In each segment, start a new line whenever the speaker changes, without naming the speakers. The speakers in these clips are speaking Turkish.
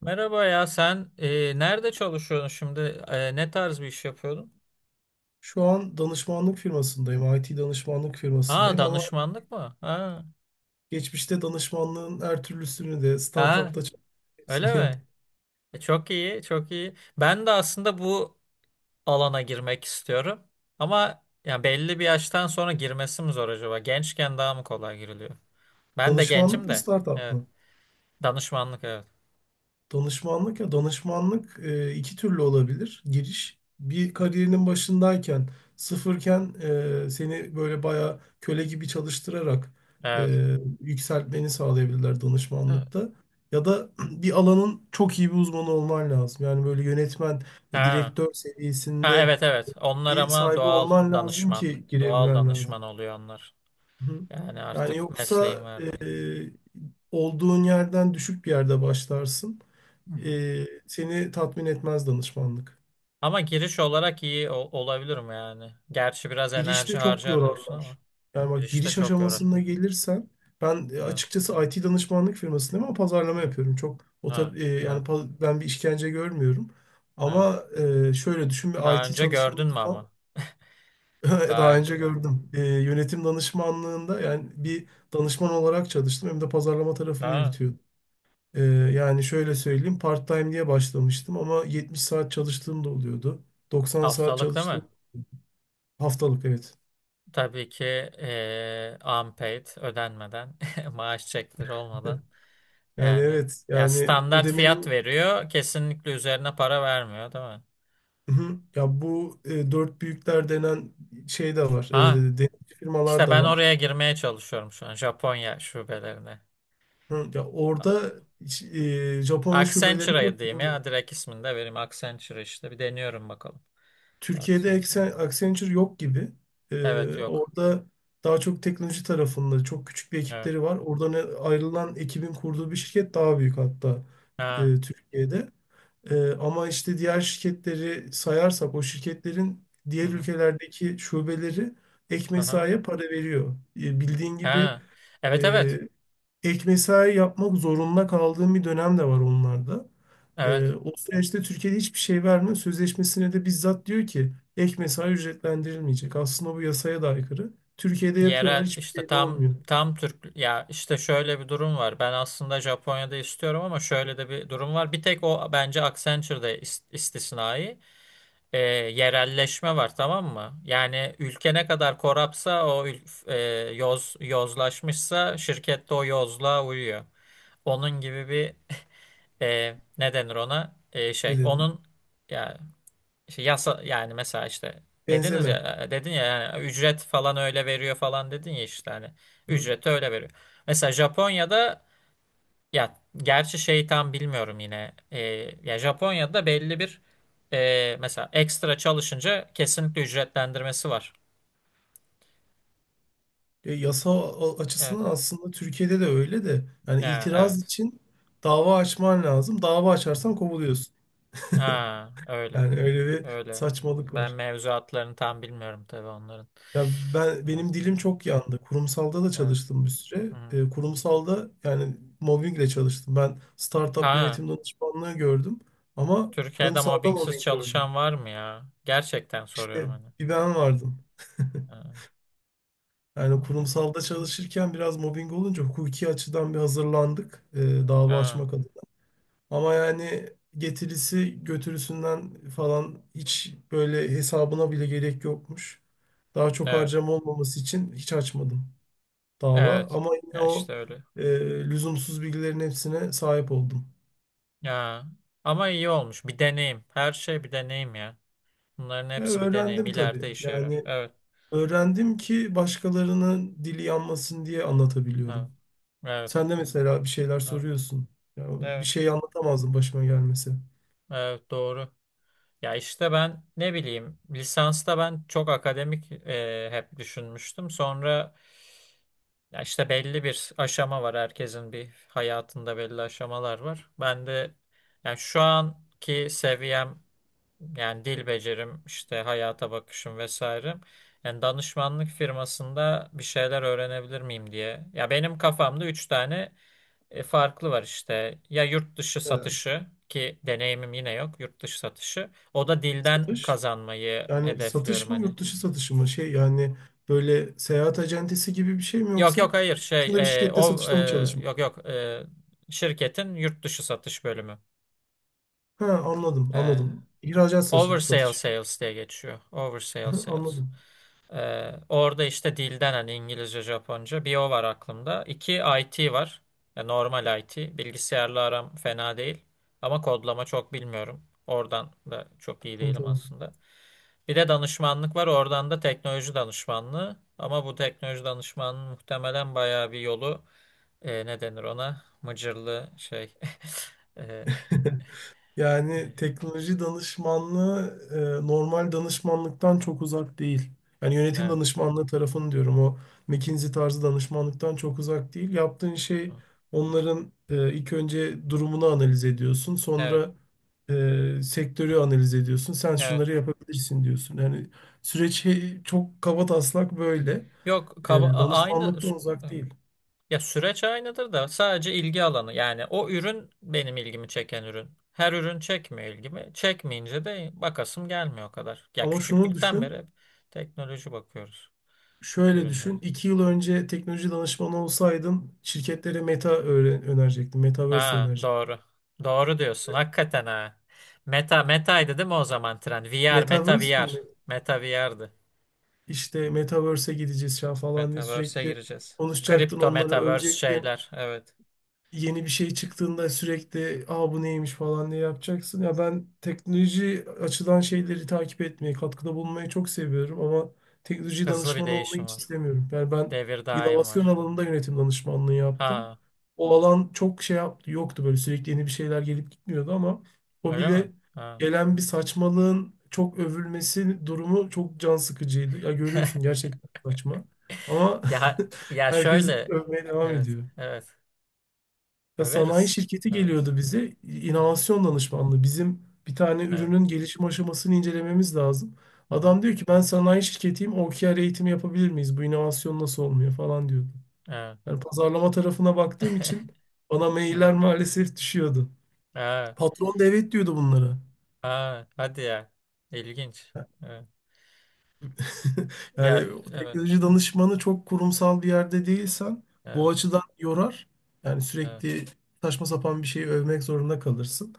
Merhaba ya sen nerede çalışıyorsun şimdi? Ne tarz bir iş yapıyordun?
Şu an danışmanlık firmasındayım. IT danışmanlık
Aa,
firmasındayım ama
danışmanlık mı? Ha,
geçmişte danışmanlığın her türlüsünü de
ha,
startupta çalıştım, hepsini
öyle mi?
yaptım.
Çok iyi, çok iyi. Ben de aslında bu alana girmek istiyorum. Ama ya belli bir yaştan sonra girmesi mi zor acaba? Gençken daha mı kolay giriliyor? Ben de
Danışmanlık
gencim
mı
de.
startup
Evet.
mı?
Danışmanlık, evet.
Danışmanlık ya danışmanlık iki türlü olabilir. Giriş bir kariyerinin başındayken sıfırken seni böyle bayağı köle gibi çalıştırarak
Evet.
e, yükseltmeni sağlayabilirler danışmanlıkta. Ya da bir alanın çok iyi bir uzmanı olman lazım. Yani böyle yönetmen,
Ha.
direktör
Ha,
seviyesinde
evet, evet. Onlar
bilgi
ama
sahibi
doğal
olman lazım
danışman.
ki
Doğal
girebilen lazım.
danışman oluyor onlar.
Hı.
Yani
Yani
artık mesleğin
yoksa
verdiği.
e, olduğun yerden düşük bir yerde başlarsın.
Hı hı.
Seni tatmin etmez danışmanlık.
Ama giriş olarak iyi olabilir mi yani? Gerçi biraz
Girişte
enerji
çok
harcar diyorsun ama
yorarlar. Yani bak
girişte
giriş
çok yorar.
aşamasına gelirsen ben
Evet,
açıkçası IT danışmanlık firmasındayım ama pazarlama
evet,
yapıyorum. Çok o
ha,
tar- e, yani
evet,
pa- Ben bir işkence görmüyorum.
evet.
Ama şöyle düşün, bir
Daha
IT
önce gördün mü
çalışanıysan.
ama? Daha
Daha
önce
önce
gördün.
gördüm. Yönetim danışmanlığında yani bir danışman olarak çalıştım hem de pazarlama tarafını
Ha,
yürütüyordum. Yani şöyle söyleyeyim, part-time diye başlamıştım ama 70 saat çalıştığım da oluyordu. 90 saat
haftalık değil
çalıştım,
mi?
haftalık evet.
Tabii ki unpaid, ödenmeden, maaş çekleri olmadan.
Yani
Yani
evet,
ya
yani
standart fiyat
ödemenin.
veriyor, kesinlikle üzerine para vermiyor değil mi?
Hı, hı. Ya bu dört büyükler denen şey de var.
Ha,
E, denetçi firmalar
işte
da
ben
var.
oraya girmeye çalışıyorum şu an Japonya şubelerine.
Hı, ya orada hiç, Japonya şubelerini
Accenture'a
nasıl
diyeyim
bilmiyorum.
ya. Direkt ismini de vereyim. Accenture işte. Bir deniyorum bakalım.
Türkiye'de
Accenture buradan.
Accenture yok gibi.
Evet, yok.
Orada daha çok teknoloji tarafında çok küçük bir
Evet.
ekipleri var. Oradan ayrılan ekibin kurduğu bir şirket daha büyük hatta
Ha.
Türkiye'de. Ama işte diğer şirketleri sayarsak o şirketlerin
Hı
diğer
hı.
ülkelerdeki şubeleri ek
Aha.
mesaiye para veriyor. Bildiğin gibi
Ha. Evet, evet.
e, ek mesai yapmak zorunda kaldığım bir dönem de var onlarda.
Evet.
O süreçte Türkiye'de hiçbir şey verme sözleşmesine de bizzat diyor ki ek mesai ücretlendirilmeyecek. Aslında bu yasaya da aykırı. Türkiye'de
Yerel
yapıyorlar, hiçbir
işte,
şey de
tam
olmuyor.
tam Türk ya, işte şöyle bir durum var. Ben aslında Japonya'da istiyorum ama şöyle de bir durum var. Bir tek o bence Accenture'da istisnai. Yerelleşme var, tamam mı? Yani ülke ne kadar korapsa yozlaşmışsa şirkette o yozluğa uyuyor. Onun gibi bir ne denir ona, şey,
Ne denir?
onun ya işte yasa, yani mesela işte dediniz
Benzeme.
ya, dedin ya yani, ücret falan öyle veriyor falan dedin ya, işte hani
Hı.
ücreti öyle veriyor. Mesela Japonya'da, ya gerçi şey tam bilmiyorum yine, ya Japonya'da belli bir mesela ekstra çalışınca kesinlikle ücretlendirmesi var.
Yasa açısından
Evet.
aslında Türkiye'de de öyle, de yani
Ya,
itiraz
evet.
için dava açman lazım. Dava
Hı
açarsan
hı.
kovuluyorsun.
Ha, öyle.
Yani öyle bir
Öyle.
saçmalık
Ben
var.
mevzuatlarını tam bilmiyorum tabii onların.
Ya,
Evet.
benim dilim çok yandı. Kurumsalda da
Evet.
çalıştım bir süre.
Hı.
Kurumsalda yani mobbingle çalıştım. Ben startup
Ha.
yönetim danışmanlığı gördüm ama
Türkiye'de
kurumsalda
mobbingsiz
mobbing gördüm.
çalışan var mı ya? Gerçekten soruyorum
İşte
hani.
bir ben vardım.
Ha,
Yani
mobbing.
kurumsalda çalışırken biraz mobbing olunca hukuki açıdan bir hazırlandık dava
Ha,
açmak adına. Ama yani getirisi götürüsünden falan hiç böyle hesabına bile gerek yokmuş. Daha çok
evet.
harcama olmaması için hiç açmadım dava,
Evet.
ama yine
Ya
o
işte öyle.
e, lüzumsuz bilgilerin hepsine sahip oldum.
Ya. Ama iyi olmuş. Bir deneyim. Her şey bir deneyim ya. Bunların
Ya
hepsi bir deneyim.
öğrendim tabii.
İleride işe yarar.
Yani
Evet.
öğrendim ki başkalarının dili yanmasın diye
Evet.
anlatabiliyorum.
Evet.
Sen de mesela bir şeyler
Evet.
soruyorsun. Ya bir
Evet.
şey anlatamazdım başıma gelmesi.
Evet. Doğru. Ya işte ben ne bileyim, lisansta ben çok akademik hep düşünmüştüm. Sonra, ya işte belli bir aşama var, herkesin bir hayatında belli aşamalar var. Ben de yani şu anki seviyem, yani dil becerim, işte hayata bakışım vesaire. Yani danışmanlık firmasında bir şeyler öğrenebilir miyim diye. Ya benim kafamda üç tane farklı var işte. Ya yurt dışı
Neler?
satışı ki deneyimim yine yok. Yurt dışı satışı. O da dilden
Satış.
kazanmayı
Yani
hedefliyorum
satış mı,
hani.
yurt dışı satışı mı? Şey yani böyle seyahat acentesi gibi bir şey mi
Yok,
yoksa
yok, hayır,
şurada bir
e,
şirkette
o e,
satışta mı
yok,
çalışmak?
yok, şirketin yurt dışı satış bölümü.
Ha, anladım
E,
anladım. İhracat satışı.
Oversale
Satış.
sales diye geçiyor. Oversale sales.
Anladım.
Orada işte dilden, hani İngilizce, Japonca, bir o var aklımda. İki IT var. Ya normal IT. Bilgisayarla aram fena değil. Ama kodlama çok bilmiyorum. Oradan da çok iyi
Tamam
değilim
tamam.
aslında. Bir de danışmanlık var. Oradan da teknoloji danışmanlığı. Ama bu teknoloji danışmanlığı muhtemelen bayağı bir yolu ne denir ona? Mıcırlı şey. e, e,
Yani teknoloji danışmanlığı normal danışmanlıktan çok uzak değil. Yani yönetim
evet.
danışmanlığı tarafını diyorum, o McKinsey tarzı danışmanlıktan çok uzak değil. Yaptığın şey, onların ilk önce durumunu analiz ediyorsun.
Evet.
Sonra sektörü analiz ediyorsun. Sen
Evet.
şunları yapabilirsin diyorsun. Yani çok kabataslak böyle.
Yok
E,
kaba- a- aynı
Danışmanlıktan
sü-
uzak değil.
ya süreç aynıdır da, sadece ilgi alanı, yani o ürün benim ilgimi çeken ürün. Her ürün çekmiyor ilgimi. Çekmeyince de bakasım gelmiyor o kadar. Ya
Ama şunu
küçüklükten beri
düşün.
hep teknoloji bakıyoruz
Şöyle
ürünleri.
düşün, iki yıl önce teknoloji danışmanı olsaydın şirketlere önerecektin, metaverse
Ha,
önerecektin.
doğru. Doğru diyorsun hakikaten, ha. Meta metaydı değil mi o zaman trend? VR, meta
Metaverse
VR.
mi?
Meta VR'dı.
İşte metaverse'e gideceğiz ya falan diye
Metaverse'e
sürekli
gireceğiz.
konuşacaktın,
Kripto,
onları
metaverse
övecektin.
şeyler, evet.
Yeni bir şey çıktığında sürekli aa bu neymiş falan diye yapacaksın. Ya ben teknoloji açıdan şeyleri takip etmeyi, katkıda bulunmayı çok seviyorum ama teknoloji
Hızlı bir
danışmanı olmayı
değişim
hiç
var.
istemiyorum. Yani ben
Devir daim
inovasyon
var.
alanında yönetim danışmanlığı yaptım.
Ha.
O alan çok şey yaptı, yoktu böyle sürekli yeni bir şeyler gelip gitmiyordu, ama o
Öyle mi?
bile
Ha.
gelen bir saçmalığın çok övülmesi durumu çok can sıkıcıydı. Ya görüyorsun gerçekten saçma. Ama
Ya ya,
herkes
şöyle.
övmeye devam
Evet,
ediyor.
evet.
Ya sanayi
Överiz.
şirketi
Överiz.
geliyordu bize,
Evet.
inovasyon danışmanlığı. Bizim bir tane
Evet.
ürünün gelişim aşamasını incelememiz lazım.
Hı hı.
Adam diyor ki ben sanayi şirketiyim, OKR eğitimi yapabilir miyiz? Bu inovasyon nasıl olmuyor falan diyordu.
Evet.
Yani pazarlama tarafına baktığım için bana
Evet.
mailler maalesef düşüyordu.
Aa,
Patron da evet diyordu bunlara.
aa, hadi ya. İlginç. Evet. Ya,
Yani
evet.
teknoloji danışmanı, çok kurumsal bir yerde değilsen bu
Evet.
açıdan yorar. Yani
Evet.
sürekli saçma sapan bir şeyi övmek zorunda kalırsın.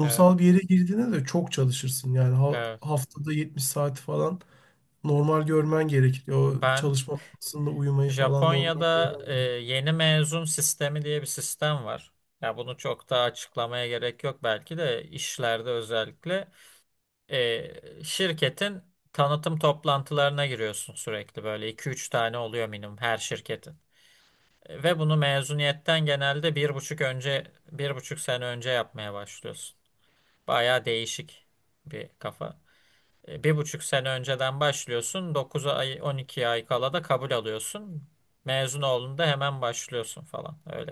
Evet.
bir yere girdiğinde de çok çalışırsın. Yani
Evet.
haftada 70 saat falan normal görmen gerekir. O
Ben
çalışma masasında uyumayı falan normal
Japonya'da
görmen gerekir.
yeni mezun sistemi diye bir sistem var. Ya bunu çok daha açıklamaya gerek yok belki de, işlerde özellikle. Şirketin tanıtım toplantılarına giriyorsun, sürekli böyle iki üç tane oluyor minimum her şirketin. Ve bunu mezuniyetten genelde bir buçuk sene önce yapmaya başlıyorsun. Bayağı değişik bir kafa. Bir buçuk sene önceden başlıyorsun. 9 ay, 12 ay kala da kabul alıyorsun. Mezun olduğunda hemen başlıyorsun falan, öyle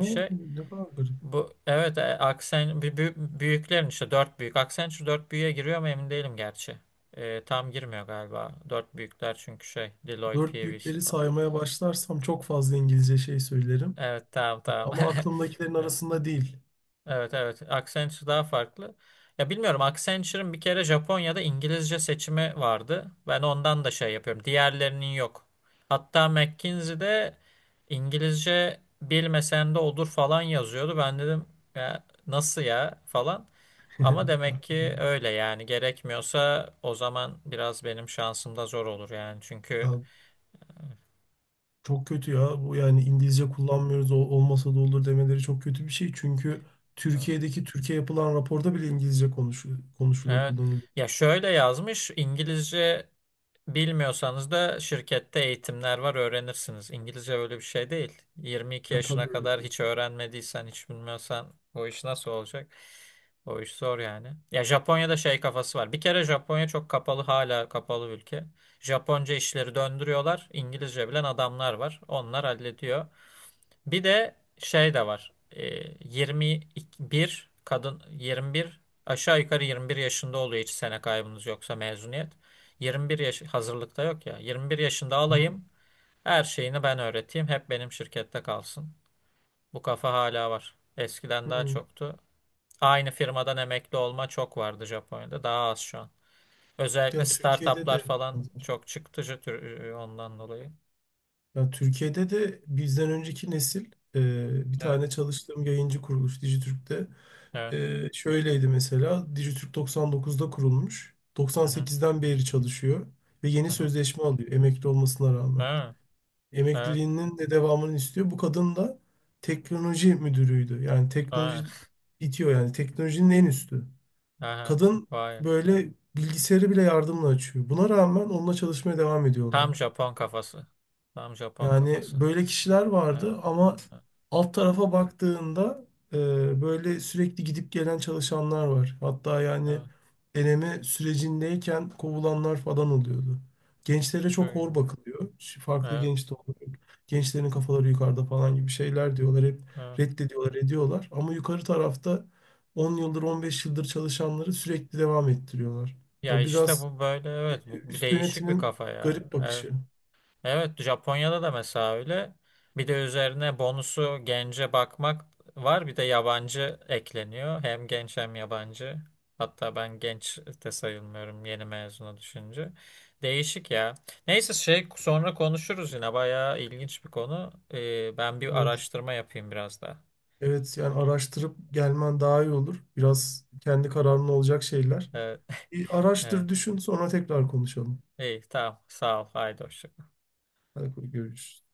bir şey.
ne kadar garip.
Bu evet, aksen bir büyük, büyüklerin, işte dört büyük. Accenture dört büyüğe giriyor mu emin değilim gerçi. Tam girmiyor galiba. Dört büyükler çünkü şey Deloitte,
Dört
PwC
büyükleri
falan.
saymaya başlarsam çok fazla İngilizce şey söylerim.
Evet, tamam, tamam.
Ama aklımdakilerin arasında değil.
Evet, evet. Evet. Accenture daha farklı. Ya bilmiyorum, Accenture'ın bir kere Japonya'da İngilizce seçimi vardı. Ben ondan da şey yapıyorum. Diğerlerinin yok. Hatta McKinsey'de İngilizce bilmesen de olur falan yazıyordu. Ben dedim, ya nasıl ya falan. Ama demek ki öyle, yani gerekmiyorsa o zaman biraz benim şansım da zor olur yani, çünkü,
Ya, çok kötü ya. Bu yani İngilizce kullanmıyoruz, olmasa da olur demeleri çok kötü bir şey. Çünkü
hı,
Türkiye'deki Türkiye yapılan raporda bile İngilizce konuşuluyor, konuşuluyor,
evet,
kullanılıyor.
ya şöyle yazmış: İngilizce bilmiyorsanız da şirkette eğitimler var, öğrenirsiniz. İngilizce öyle bir şey değil. 22
Ya tabii
yaşına
öyle.
kadar hiç öğrenmediysen, hiç bilmiyorsan o iş nasıl olacak? O iş zor yani. Ya Japonya'da şey kafası var. Bir kere Japonya çok kapalı, hala kapalı ülke. Japonca işleri döndürüyorlar. İngilizce bilen adamlar var. Onlar hallediyor. Bir de şey de var. 21 kadın, 21, aşağı yukarı 21 yaşında oluyor, hiç sene kaybınız yoksa mezuniyet. 21 yaş hazırlıkta yok ya. 21 yaşında
Hı
alayım. Her şeyini ben öğreteyim. Hep benim şirkette kalsın. Bu kafa hala var. Eskiden daha
hı.
çoktu. Aynı firmadan emekli olma çok vardı Japonya'da. Daha az şu an. Özellikle
Ya Türkiye'de
startuplar
de
falan
benzer.
çok çıktı ondan dolayı.
Ya Türkiye'de de bizden önceki nesil, bir
Evet.
tane çalıştığım yayıncı kuruluş Dijitürk'te
Evet.
şöyleydi mesela. Dijitürk 99'da kurulmuş.
Hı hı.
98'den beri çalışıyor ve yeni
Hı hı.
sözleşme alıyor emekli olmasına rağmen.
Evet. Evet.
Emekliliğinin de devamını istiyor. Bu kadın da teknoloji müdürüydü. Yani teknoloji
Evet.
itiyor, yani teknolojinin en üstü.
Aha,
Kadın
vay.
böyle bilgisayarı bile yardımla açıyor. Buna rağmen onunla çalışmaya devam
Tam
ediyorlardı.
Japon kafası. Tam Japon
Yani
kafası.
böyle kişiler
Evet,
vardı, ama
evet,
alt tarafa baktığında böyle sürekli gidip gelen çalışanlar var. Hatta yani
evet.
deneme sürecindeyken kovulanlar falan oluyordu. Gençlere
Çok
çok
iyi.
hor bakılıyor. Şu farklı
Evet,
genç de oluyor. Gençlerin kafaları yukarıda falan gibi şeyler diyorlar. Hep
evet.
reddediyorlar, ediyorlar. Ama yukarı tarafta 10 yıldır, 15 yıldır çalışanları sürekli devam ettiriyorlar.
Ya
O
işte
biraz
bu böyle evet, bu bir
üst
değişik bir
yönetimin
kafa ya.
garip
Evet.
bakışı.
Evet, Japonya'da da mesela öyle. Bir de üzerine bonusu gence bakmak var. Bir de yabancı ekleniyor. Hem genç hem yabancı. Hatta ben genç de sayılmıyorum yeni mezuna düşünce. Değişik ya. Neyse, şey sonra konuşuruz yine. Bayağı ilginç bir konu. Ben bir
Evet.
araştırma yapayım biraz daha.
Evet, yani araştırıp gelmen daha iyi olur.
Evet,
Biraz kendi kararın olacak şeyler.
evet,
Bir
evet.
araştır, düşün, sonra tekrar konuşalım.
İyi, tamam. Sağ ol. Haydi hoşça kal.
Hadi görüşürüz.